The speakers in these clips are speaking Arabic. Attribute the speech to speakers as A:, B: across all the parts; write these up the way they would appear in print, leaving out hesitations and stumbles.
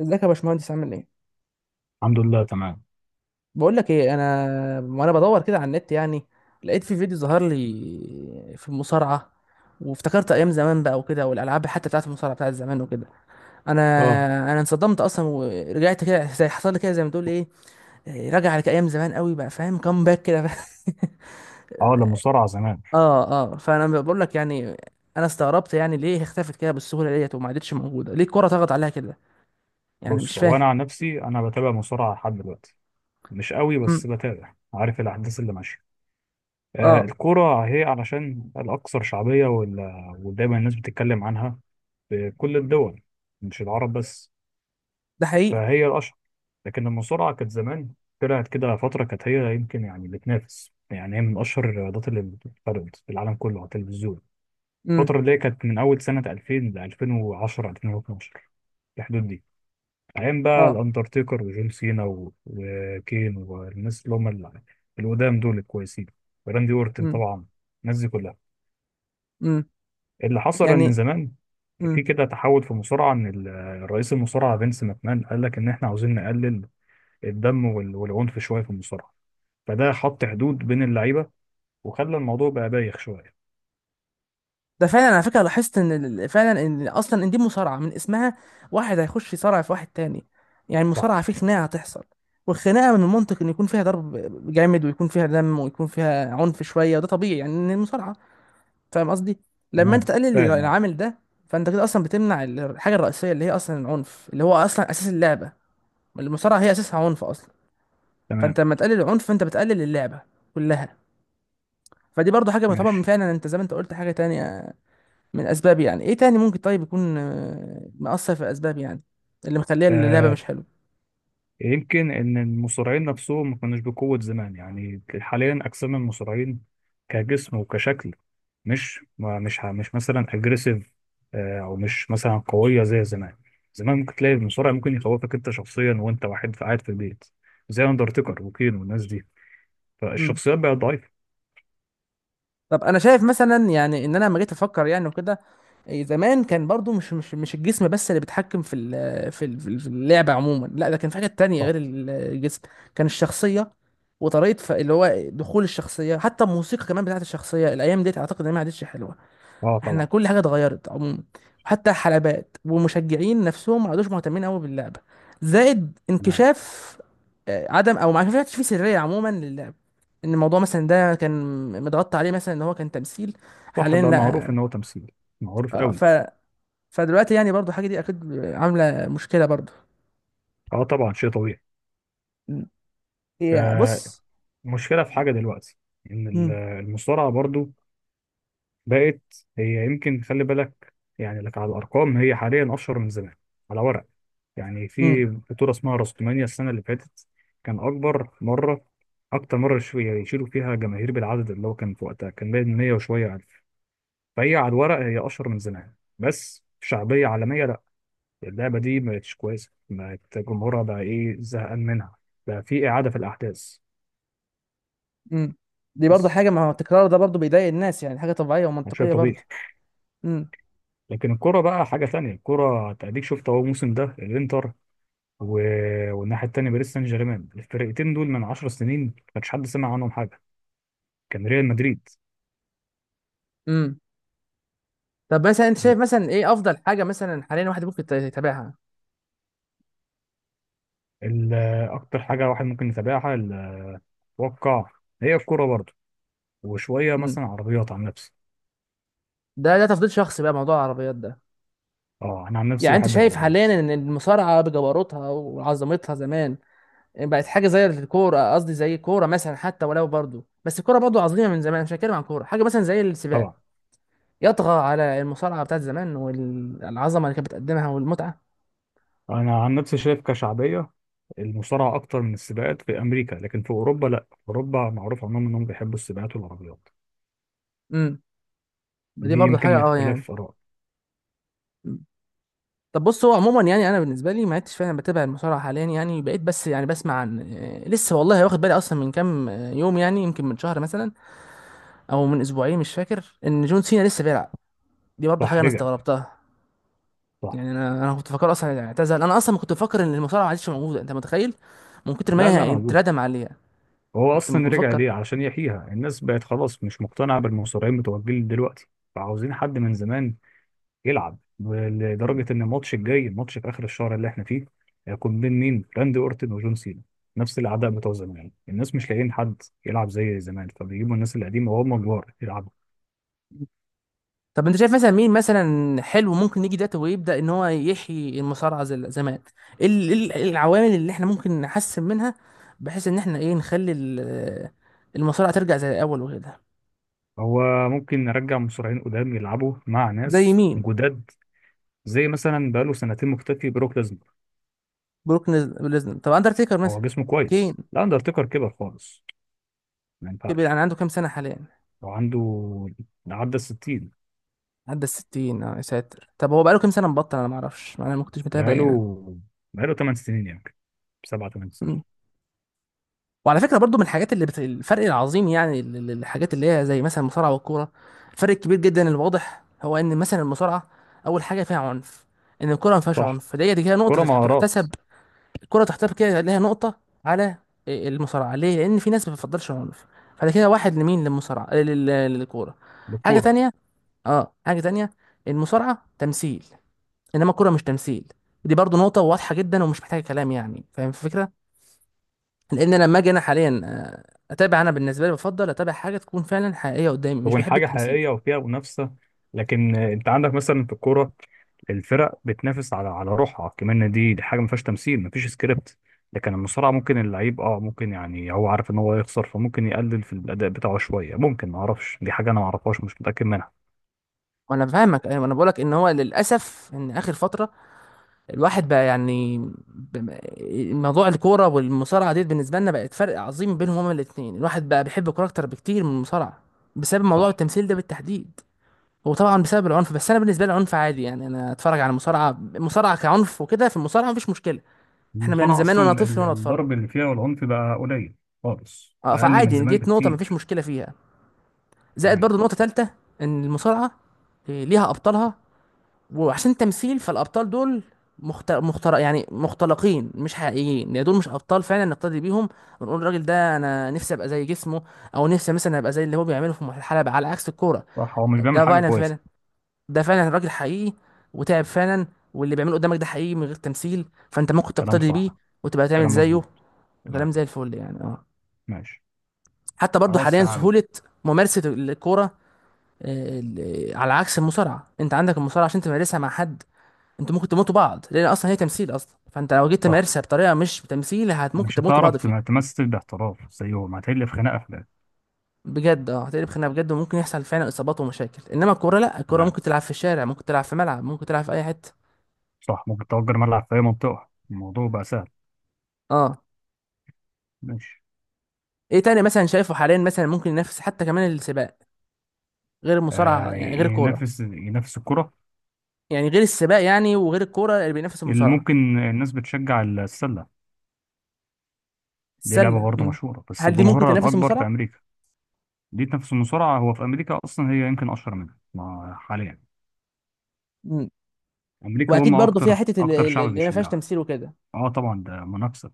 A: ازيك يا باشمهندس، عامل ايه؟
B: الحمد لله، تمام.
A: بقول لك ايه، وانا بدور كده على النت يعني. لقيت في فيديو ظهر لي في المصارعه، وافتكرت ايام زمان بقى وكده، والالعاب حتى بتاعت المصارعه بتاعت زمان وكده. انا
B: اه.
A: انا انصدمت اصلا، ورجعت كده، زي حصل لي كده، زي ما تقول ايه، راجع على ايام زمان قوي بقى، فاهم باك كده.
B: اه، لا، مصارعه زمان.
A: اه. اه، فانا بقول لك يعني، انا استغربت يعني، ليه اختفت كده بالسهوله ديت وما عادتش موجوده؟ ليه الكره طغت عليها كده؟ يعني مش
B: بص، هو انا
A: فاهم.
B: عن نفسي بتابع مصارعه لحد دلوقتي، مش قوي
A: امم.
B: بس بتابع، عارف الاحداث اللي ماشيه. آه،
A: اه.
B: الكوره هي علشان الاكثر شعبيه ودايما الناس بتتكلم عنها في كل الدول، مش العرب بس،
A: ده حقيقي.
B: فهي الاشهر. لكن المصارعه كانت زمان طلعت كده فتره، كانت هي يمكن يعني بتنافس، يعني هي من اشهر الرياضات اللي بتتفرج في العالم كله على التلفزيون.
A: امم.
B: الفتره اللي هي كانت من اول سنه 2000 ل 2010 2012، في الحدود دي، أيام بقى
A: اه.
B: الأندرتيكر وجون سينا وكين والناس اللي هم القدام دول الكويسين، وراندي أورتن طبعا، الناس دي كلها.
A: امم.
B: اللي حصل إن
A: يعني.
B: زمان في
A: امم.
B: كده تحول في المصارعة، إن الرئيس المصارعة فينس ماكمان قال لك إن إحنا عاوزين نقلل الدم والعنف شوية في المصارعة، فده حط حدود بين اللعيبة وخلى الموضوع بقى بايخ شوية.
A: ده فعلا، على فكره لاحظت ان فعلا، ان اصلا ان دي مصارعه من اسمها، واحد هيخش يصارع في واحد تاني، يعني
B: صح.
A: المصارعه في خناقه هتحصل. والخناقه من المنطق ان يكون فيها ضرب جامد، ويكون فيها دم، ويكون فيها عنف شويه، وده طبيعي يعني ان المصارعه، فاهم قصدي؟ لما انت
B: تمام،
A: تقلل
B: فاهم، أه.
A: العامل ده، فانت كده اصلا بتمنع الحاجه الرئيسيه اللي هي اصلا العنف، اللي هو اصلا اساس اللعبه. المصارعه هي اساسها عنف اصلا.
B: تمام،
A: فانت لما تقلل العنف، فانت بتقلل اللعبه كلها. فدي برضو حاجه تعتبر من،
B: ماشي.
A: فعلا انت زي ما انت قلت، حاجه تانية من اسباب. يعني ايه تاني ممكن طيب يكون مأثر في الاسباب، يعني اللي مخليه اللعبه
B: آه،
A: مش حلوه.
B: يمكن ان المصارعين نفسهم ما كانوش بقوه زمان، يعني حاليا اجسام المصارعين كجسم وكشكل مش مثلا اجريسيف، او مش مثلا قويه زي زمان. زمان ممكن تلاقي المصارع ممكن يخوفك انت شخصيا وانت واحد قاعد في البيت، زي اندرتيكر وكين والناس دي،
A: مم.
B: فالشخصيات بقت ضعيفه.
A: طب انا شايف مثلا يعني، ان انا لما جيت افكر يعني وكده، زمان كان برضو مش الجسم بس اللي بيتحكم في اللعبه عموما، لا ده كان في حاجات تانية
B: صح.
A: غير الجسم. كان الشخصيه، وطريقه اللي هو دخول الشخصيه، حتى الموسيقى كمان بتاعت الشخصيه، الايام ديت اعتقد انها ما عادتش حلوه.
B: اه،
A: احنا
B: طبعا.
A: كل حاجه اتغيرت عموما، وحتى الحلبات والمشجعين نفسهم ما عادوش مهتمين قوي باللعبه. زائد
B: تمام.
A: انكشاف، عدم او ما كانش في سريه عموما للعب، ان الموضوع مثلا ده كان متغطى عليه مثلا ان هو كان تمثيل،
B: صح،
A: حاليا
B: بقى
A: لا.
B: معروف ان هو تمثيل، معروف
A: آه،
B: قوي.
A: ف فدلوقتي يعني برضو الحاجه دي اكيد عامله مشكله برضو.
B: اه، طبعا، شيء طبيعي.
A: مم.
B: ف-
A: بص.
B: المشكله في حاجه دلوقتي، ان
A: مم.
B: المصارعه برضو بقت، هي يمكن، خلي بالك يعني لك على الأرقام، هي حاليا أشهر من زمان على ورق. يعني في
A: مم.
B: بطولة اسمها رستمانيا، السنة اللي فاتت كان أكبر مرة، أكتر مرة يشيلوا فيها جماهير بالعدد، اللي هو كان في وقتها كان باين 100 وشوية ألف. فهي على الورق هي أشهر من زمان، بس شعبية عالمية لأ، اللعبة دي ما بقتش كويسة، بقت جمهورها بقى إيه، زهقان منها، بقى في إعادة في الأحداث.
A: مم. دي برضو
B: بس
A: حاجه، ما هو التكرار ده برضو بيضايق الناس يعني، حاجه طبيعيه
B: ده شيء
A: ومنطقيه
B: طبيعي.
A: برضو. مم.
B: لكن الكرة بقى حاجة تانية، الكرة تأديك، شفت أهو الموسم ده الإنتر والناحية التانية باريس سان جيرمان، الفرقتين دول من 10 سنين ما كانش حد سمع عنهم حاجة، كان ريال مدريد.
A: مم. طب مثلا انت شايف مثلا ايه افضل حاجه مثلا حاليا الواحد ممكن يتابعها؟
B: ال- أكتر حاجة واحد ممكن يتابعها، أتوقع هي الكورة برضه، وشوية
A: امم.
B: مثلا عربيات عن نفسي.
A: ده تفضيل شخصي بقى، موضوع العربيات ده.
B: أه، أنا عن نفسي
A: يعني انت
B: بحب
A: شايف
B: العربيات.
A: حاليا ان المصارعه بجبروتها وعظمتها زمان بقت حاجه زي الكوره، قصدي زي الكوره مثلا، حتى ولو برضو، بس الكوره برضو عظيمه من زمان، مش هتكلم عن كوره، حاجه مثلا زي السباق
B: طبعا.
A: يطغى على المصارعه بتاعت زمان والعظمه اللي كانت بتقدمها والمتعه؟
B: أنا عن نفسي شايف كشعبية المصارعة أكتر من السباقات في أمريكا، لكن في أوروبا لأ، في أوروبا معروف عنهم إنهم بيحبوا السباقات والعربيات.
A: امم. دي
B: دي
A: برضو حاجه
B: يمكن
A: اه يعني.
B: اختلاف آراء.
A: طب بص، هو عموما يعني انا بالنسبه لي ما عدتش فعلا بتابع المصارعه حاليا يعني، بقيت بس يعني بسمع عن، لسه والله واخد بالي اصلا من كام يوم يعني، يمكن من شهر مثلا، او من اسبوعين مش فاكر، ان جون سينا لسه بيلعب. دي برضه حاجه
B: صح،
A: انا
B: رجع.
A: استغربتها.
B: صح.
A: يعني انا كنت فاكر اصلا اعتزل، انا اصلا كنت فاكر ان المصارعه ما عادش موجوده، انت متخيل؟ من كتر ما
B: لا، لا
A: هي
B: موجود،
A: اتردم عليها.
B: هو
A: كنت
B: اصلا رجع
A: مفكر.
B: ليه علشان يحييها، الناس بقت خلاص مش مقتنعه بالمصارعين بتوع الجيل دلوقتي، فعاوزين حد من زمان يلعب، لدرجه ان الماتش الجاي، الماتش في اخر الشهر اللي احنا فيه، هيكون بين مين؟ راندي اورتن وجون سينا، نفس الاعداء بتوع زمان، الناس مش لاقيين حد يلعب زي زمان فبيجيبوا الناس القديمه وهم كبار يلعبوا.
A: طب انت شايف مثلا مين مثلا حلو ممكن يجي دلوقتي ويبدا ان هو يحيي المصارعه زي زمان؟ ايه ال- إيه ال- إيه العوامل اللي احنا ممكن نحسن منها؟ بحيث ان احنا ايه نخلي المصارعه ترجع زي الاول وكده.
B: هو ممكن نرجع مصارعين قدام يلعبوا مع
A: زي
B: ناس
A: مين؟
B: جداد. زي مثلا بقاله سنتين مختفي بروك ليزنر.
A: بروك ليزنر. طب اندرتيكر
B: هو
A: مثلا؟
B: جسمه
A: كين؟
B: كويس، لا اندرتيكر كبر خالص، ما
A: كبر
B: ينفعش.
A: يعني، عنده كام سنه حاليا؟
B: وعنده، عدى الستين.
A: عدى الستين؟ اه يا ساتر. طب هو بقاله كام سنه مبطل؟ انا ما اعرفش، انا ما كنتش متابع
B: بقاله
A: يعني.
B: بقاله 8 سنين يمكن، سبعة 8 سنين.
A: وعلى فكره برضو، من الحاجات اللي الفرق العظيم يعني الحاجات اللي هي زي مثلا المصارعه والكوره، الفرق الكبير جدا الواضح، هو ان مثلا المصارعه اول حاجه فيها عنف، ان الكوره ما فيهاش
B: صح،
A: عنف، فدي كده
B: كرة
A: نقطه
B: مهارات.
A: تحتسب. الكوره تحتسب كده ليها نقطه على المصارعه، ليه؟ لان في ناس ما بتفضلش عنف. فده كده واحد لمين؟ للمصارعه للكوره. حاجه
B: للكورة.
A: تانية، اه حاجه تانية، المصارعه تمثيل، انما الكوره مش تمثيل. دي برضو نقطه واضحه جدا ومش محتاجه كلام يعني، فاهم الفكره؟ لان انا لما اجي انا حاليا اتابع، انا بالنسبه لي بفضل اتابع حاجه تكون فعلا حقيقيه قدامي، مش
B: تكون
A: بحب
B: حاجة
A: التمثيل.
B: حقيقية وفيها منافسة، لكن انت عندك مثلا في الكورة الفرق بتنافس على روحها كمان، دي حاجة ما فيهاش تمثيل، ما فيش سكريبت. لكن المصارعة ممكن اللعيب ممكن، يعني هو عارف ان هو يخسر فممكن يقلل في الأداء بتاعه شوية، ممكن، ما اعرفش، دي حاجة انا ما اعرفهاش، مش متأكد منها.
A: وانا فاهمك ايوه، انا بقولك ان هو للاسف ان اخر فتره الواحد بقى يعني، ب- موضوع الكوره والمصارعه دي بالنسبه لنا بقت فرق عظيم بينهم هما الاثنين، الواحد بقى بيحب الكوره اكتر بكتير من المصارعه، بسبب موضوع
B: صح.
A: التمثيل ده بالتحديد. وطبعا بسبب العنف، بس انا بالنسبه لي العنف عادي يعني، انا اتفرج على المصارعه، المصارعه كعنف وكده في المصارعه مفيش مشكله، احنا من
B: المصارعة
A: زمان وانا
B: أصلا
A: طفل وانا اتفرج.
B: الضرب اللي فيها والعنف بقى قليل خالص،
A: اه،
B: أقل من
A: فعادي،
B: زمان
A: جيت نقطه مفيش
B: بكتير.
A: مشكله فيها. زائد
B: تمام.
A: برضو نقطة تالتة، ان المصارعة ليها ابطالها، وعشان تمثيل فالابطال دول، يعني مختلقين مش حقيقيين، يعني دول مش ابطال فعلا نقتدي بيهم، ونقول الراجل ده انا نفسي ابقى زي جسمه، او نفسي مثلا ابقى زي اللي هو بيعمله في الحلبة، على عكس الكورة.
B: صح، هو مش بيعمل
A: ده
B: حاجة
A: فعلا
B: كويسة.
A: فعلا، ده فعلا راجل حقيقي، وتعب فعلا، واللي بيعمله قدامك ده حقيقي من غير تمثيل، فانت ممكن
B: كلام
A: تقتدي بيه،
B: صح.
A: وتبقى تعمل
B: كلام
A: زيه،
B: مظبوط. تمام،
A: وكلام زي الفل يعني، اه.
B: ماشي.
A: حتى برضو
B: خلاص
A: حاليا
B: يا عم.
A: سهولة ممارسة الكورة، على عكس المصارعه، انت عندك المصارعه عشان تمارسها مع حد، انتوا ممكن تموتوا بعض لان اصلا هي تمثيل اصلا، فانت لو جيت
B: صح،
A: تمارسها بطريقه مش تمثيل، ممكن
B: مش
A: تموتوا
B: هتعرف
A: بعض فيه.
B: تمثل باحتراف زيهم، هتحل في خناقة في ده.
A: بجد، اه هتقلب خناقه بجد، وممكن يحصل فعلا اصابات ومشاكل، انما الكوره لا، الكوره
B: تمام.
A: ممكن تلعب في الشارع، ممكن تلعب في ملعب، ممكن تلعب في اي حته.
B: صح، ممكن تأجر ملعب في أي منطقة، الموضوع بقى سهل.
A: اه.
B: ماشي.
A: ايه تاني مثلا شايفه حاليا مثلا ممكن ينافس، حتى كمان السباق، غير المصارعه
B: آه،
A: يعني،
B: ي-
A: غير الكوره،
B: ينافس ينافس الكرة.
A: يعني غير السباق يعني، وغير الكوره اللي بينافس
B: اللي
A: المصارعه.
B: ممكن الناس بتشجع السلة. دي لعبة
A: السله؟
B: برضه
A: مم.
B: مشهورة بس
A: هل دي ممكن
B: جمهورها
A: تنافس
B: الأكبر في
A: المصارعه؟
B: أمريكا. دي نفس المصارعة، هو في أمريكا أصلا هي يمكن أشهر منها ما حاليا.
A: مم.
B: أمريكا هم
A: واكيد برضو فيها
B: أكتر
A: حته
B: أكتر
A: اللي اللي-
B: شعب
A: اللي ما فيهاش
B: بيشجعها.
A: تمثيل وكده.
B: أه، طبعا ده منافسة.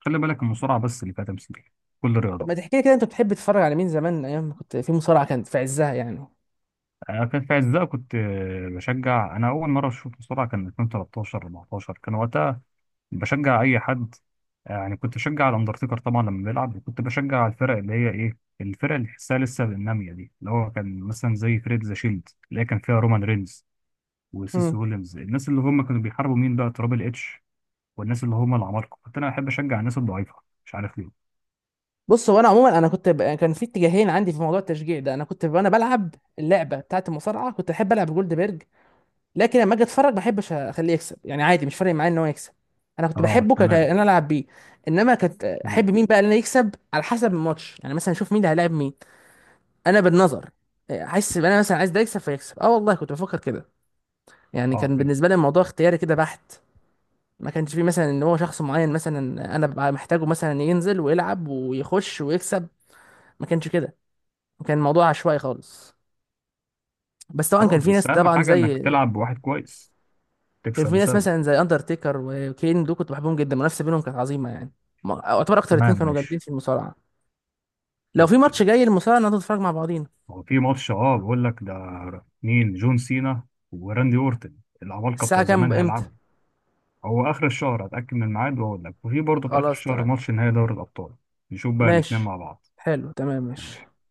B: خلي بالك المصارعة بس اللي فيها تمثيل، كل
A: طب ما
B: الرياضات.
A: تحكي لي كده، انت بتحب تتفرج على مين زمان ايام ما كنت في مصارعه كانت في عزها يعني؟
B: أنا كان في عزها كنت بشجع، أنا أول مرة شفت مصارعة كان 2013 14، كان وقتها بشجع أي حد. يعني كنت بشجع الأندرتيكر طبعا لما بيلعب، وكنت بشجع الفرق اللي هي إيه، الفرق اللي تحسها لسه نامية دي، اللي هو كان مثلا زي فريق ذا شيلد اللي هي كان فيها رومان رينز وسيس
A: امم.
B: ويليامز، الناس اللي هم كانوا بيحاربوا مين بقى، ترابل اتش والناس اللي هم العمالقه. كنت انا احب اشجع الناس الضعيفه، مش عارف ليه.
A: بص، هو انا عموما، انا كنت كان في اتجاهين عندي في موضوع التشجيع ده، انا كنت وانا بلعب اللعبه بتاعه المصارعه كنت احب العب جولدبرج، لكن لما اجي اتفرج ما احبش اخليه يكسب يعني، عادي مش فارق معايا ان هو يكسب، انا كنت
B: اه،
A: بحبه
B: تمام.
A: ان انا العب بيه. انما كنت
B: مم.
A: احب مين بقى ان انا يكسب على حسب الماتش، يعني مثلا اشوف مين اللي هيلاعب مين، انا بالنظر احس ان انا مثلا عايز ده يكسب فيكسب، اه والله كنت بفكر كده. يعني
B: اه،
A: كان
B: فهمت.
A: بالنسبه لي الموضوع اختياري كده بحت، ما كانش فيه مثلا ان هو شخص معين مثلا انا ببقى محتاجه مثلا ينزل ويلعب ويخش ويكسب، ما كانش كده، كان الموضوع عشوائي خالص. بس طبعا كان
B: خلاص،
A: في
B: بس
A: ناس
B: اهم
A: طبعا
B: حاجه انك
A: زي،
B: تلعب بواحد كويس،
A: كان
B: تكسب
A: في ناس
B: بسببه.
A: مثلا زي اندرتيكر وكين دول كنت بحبهم جدا، المنافسه بينهم كانت عظيمه يعني، اعتبر اكتر اتنين
B: تمام،
A: كانوا جامدين
B: ماشي.
A: في المصارعه. لو في
B: اوكي.
A: ماتش جاي المصارعه نقعد نتفرج مع بعضينا.
B: هو في ماتش، بقول لك ده، مين؟ جون سينا وراندي اورتن، العمالقه
A: الساعه
B: بتوع زمان
A: كام، امتى؟
B: هيلعبوا. هو اخر الشهر هتاكد من الميعاد واقول لك، وفي برضه في اخر
A: خلاص
B: الشهر
A: تمام
B: ماتش نهائي دوري الابطال. نشوف بقى
A: ماشي.
B: الاثنين مع بعض.
A: حلو تمام ماشي.
B: ماشي.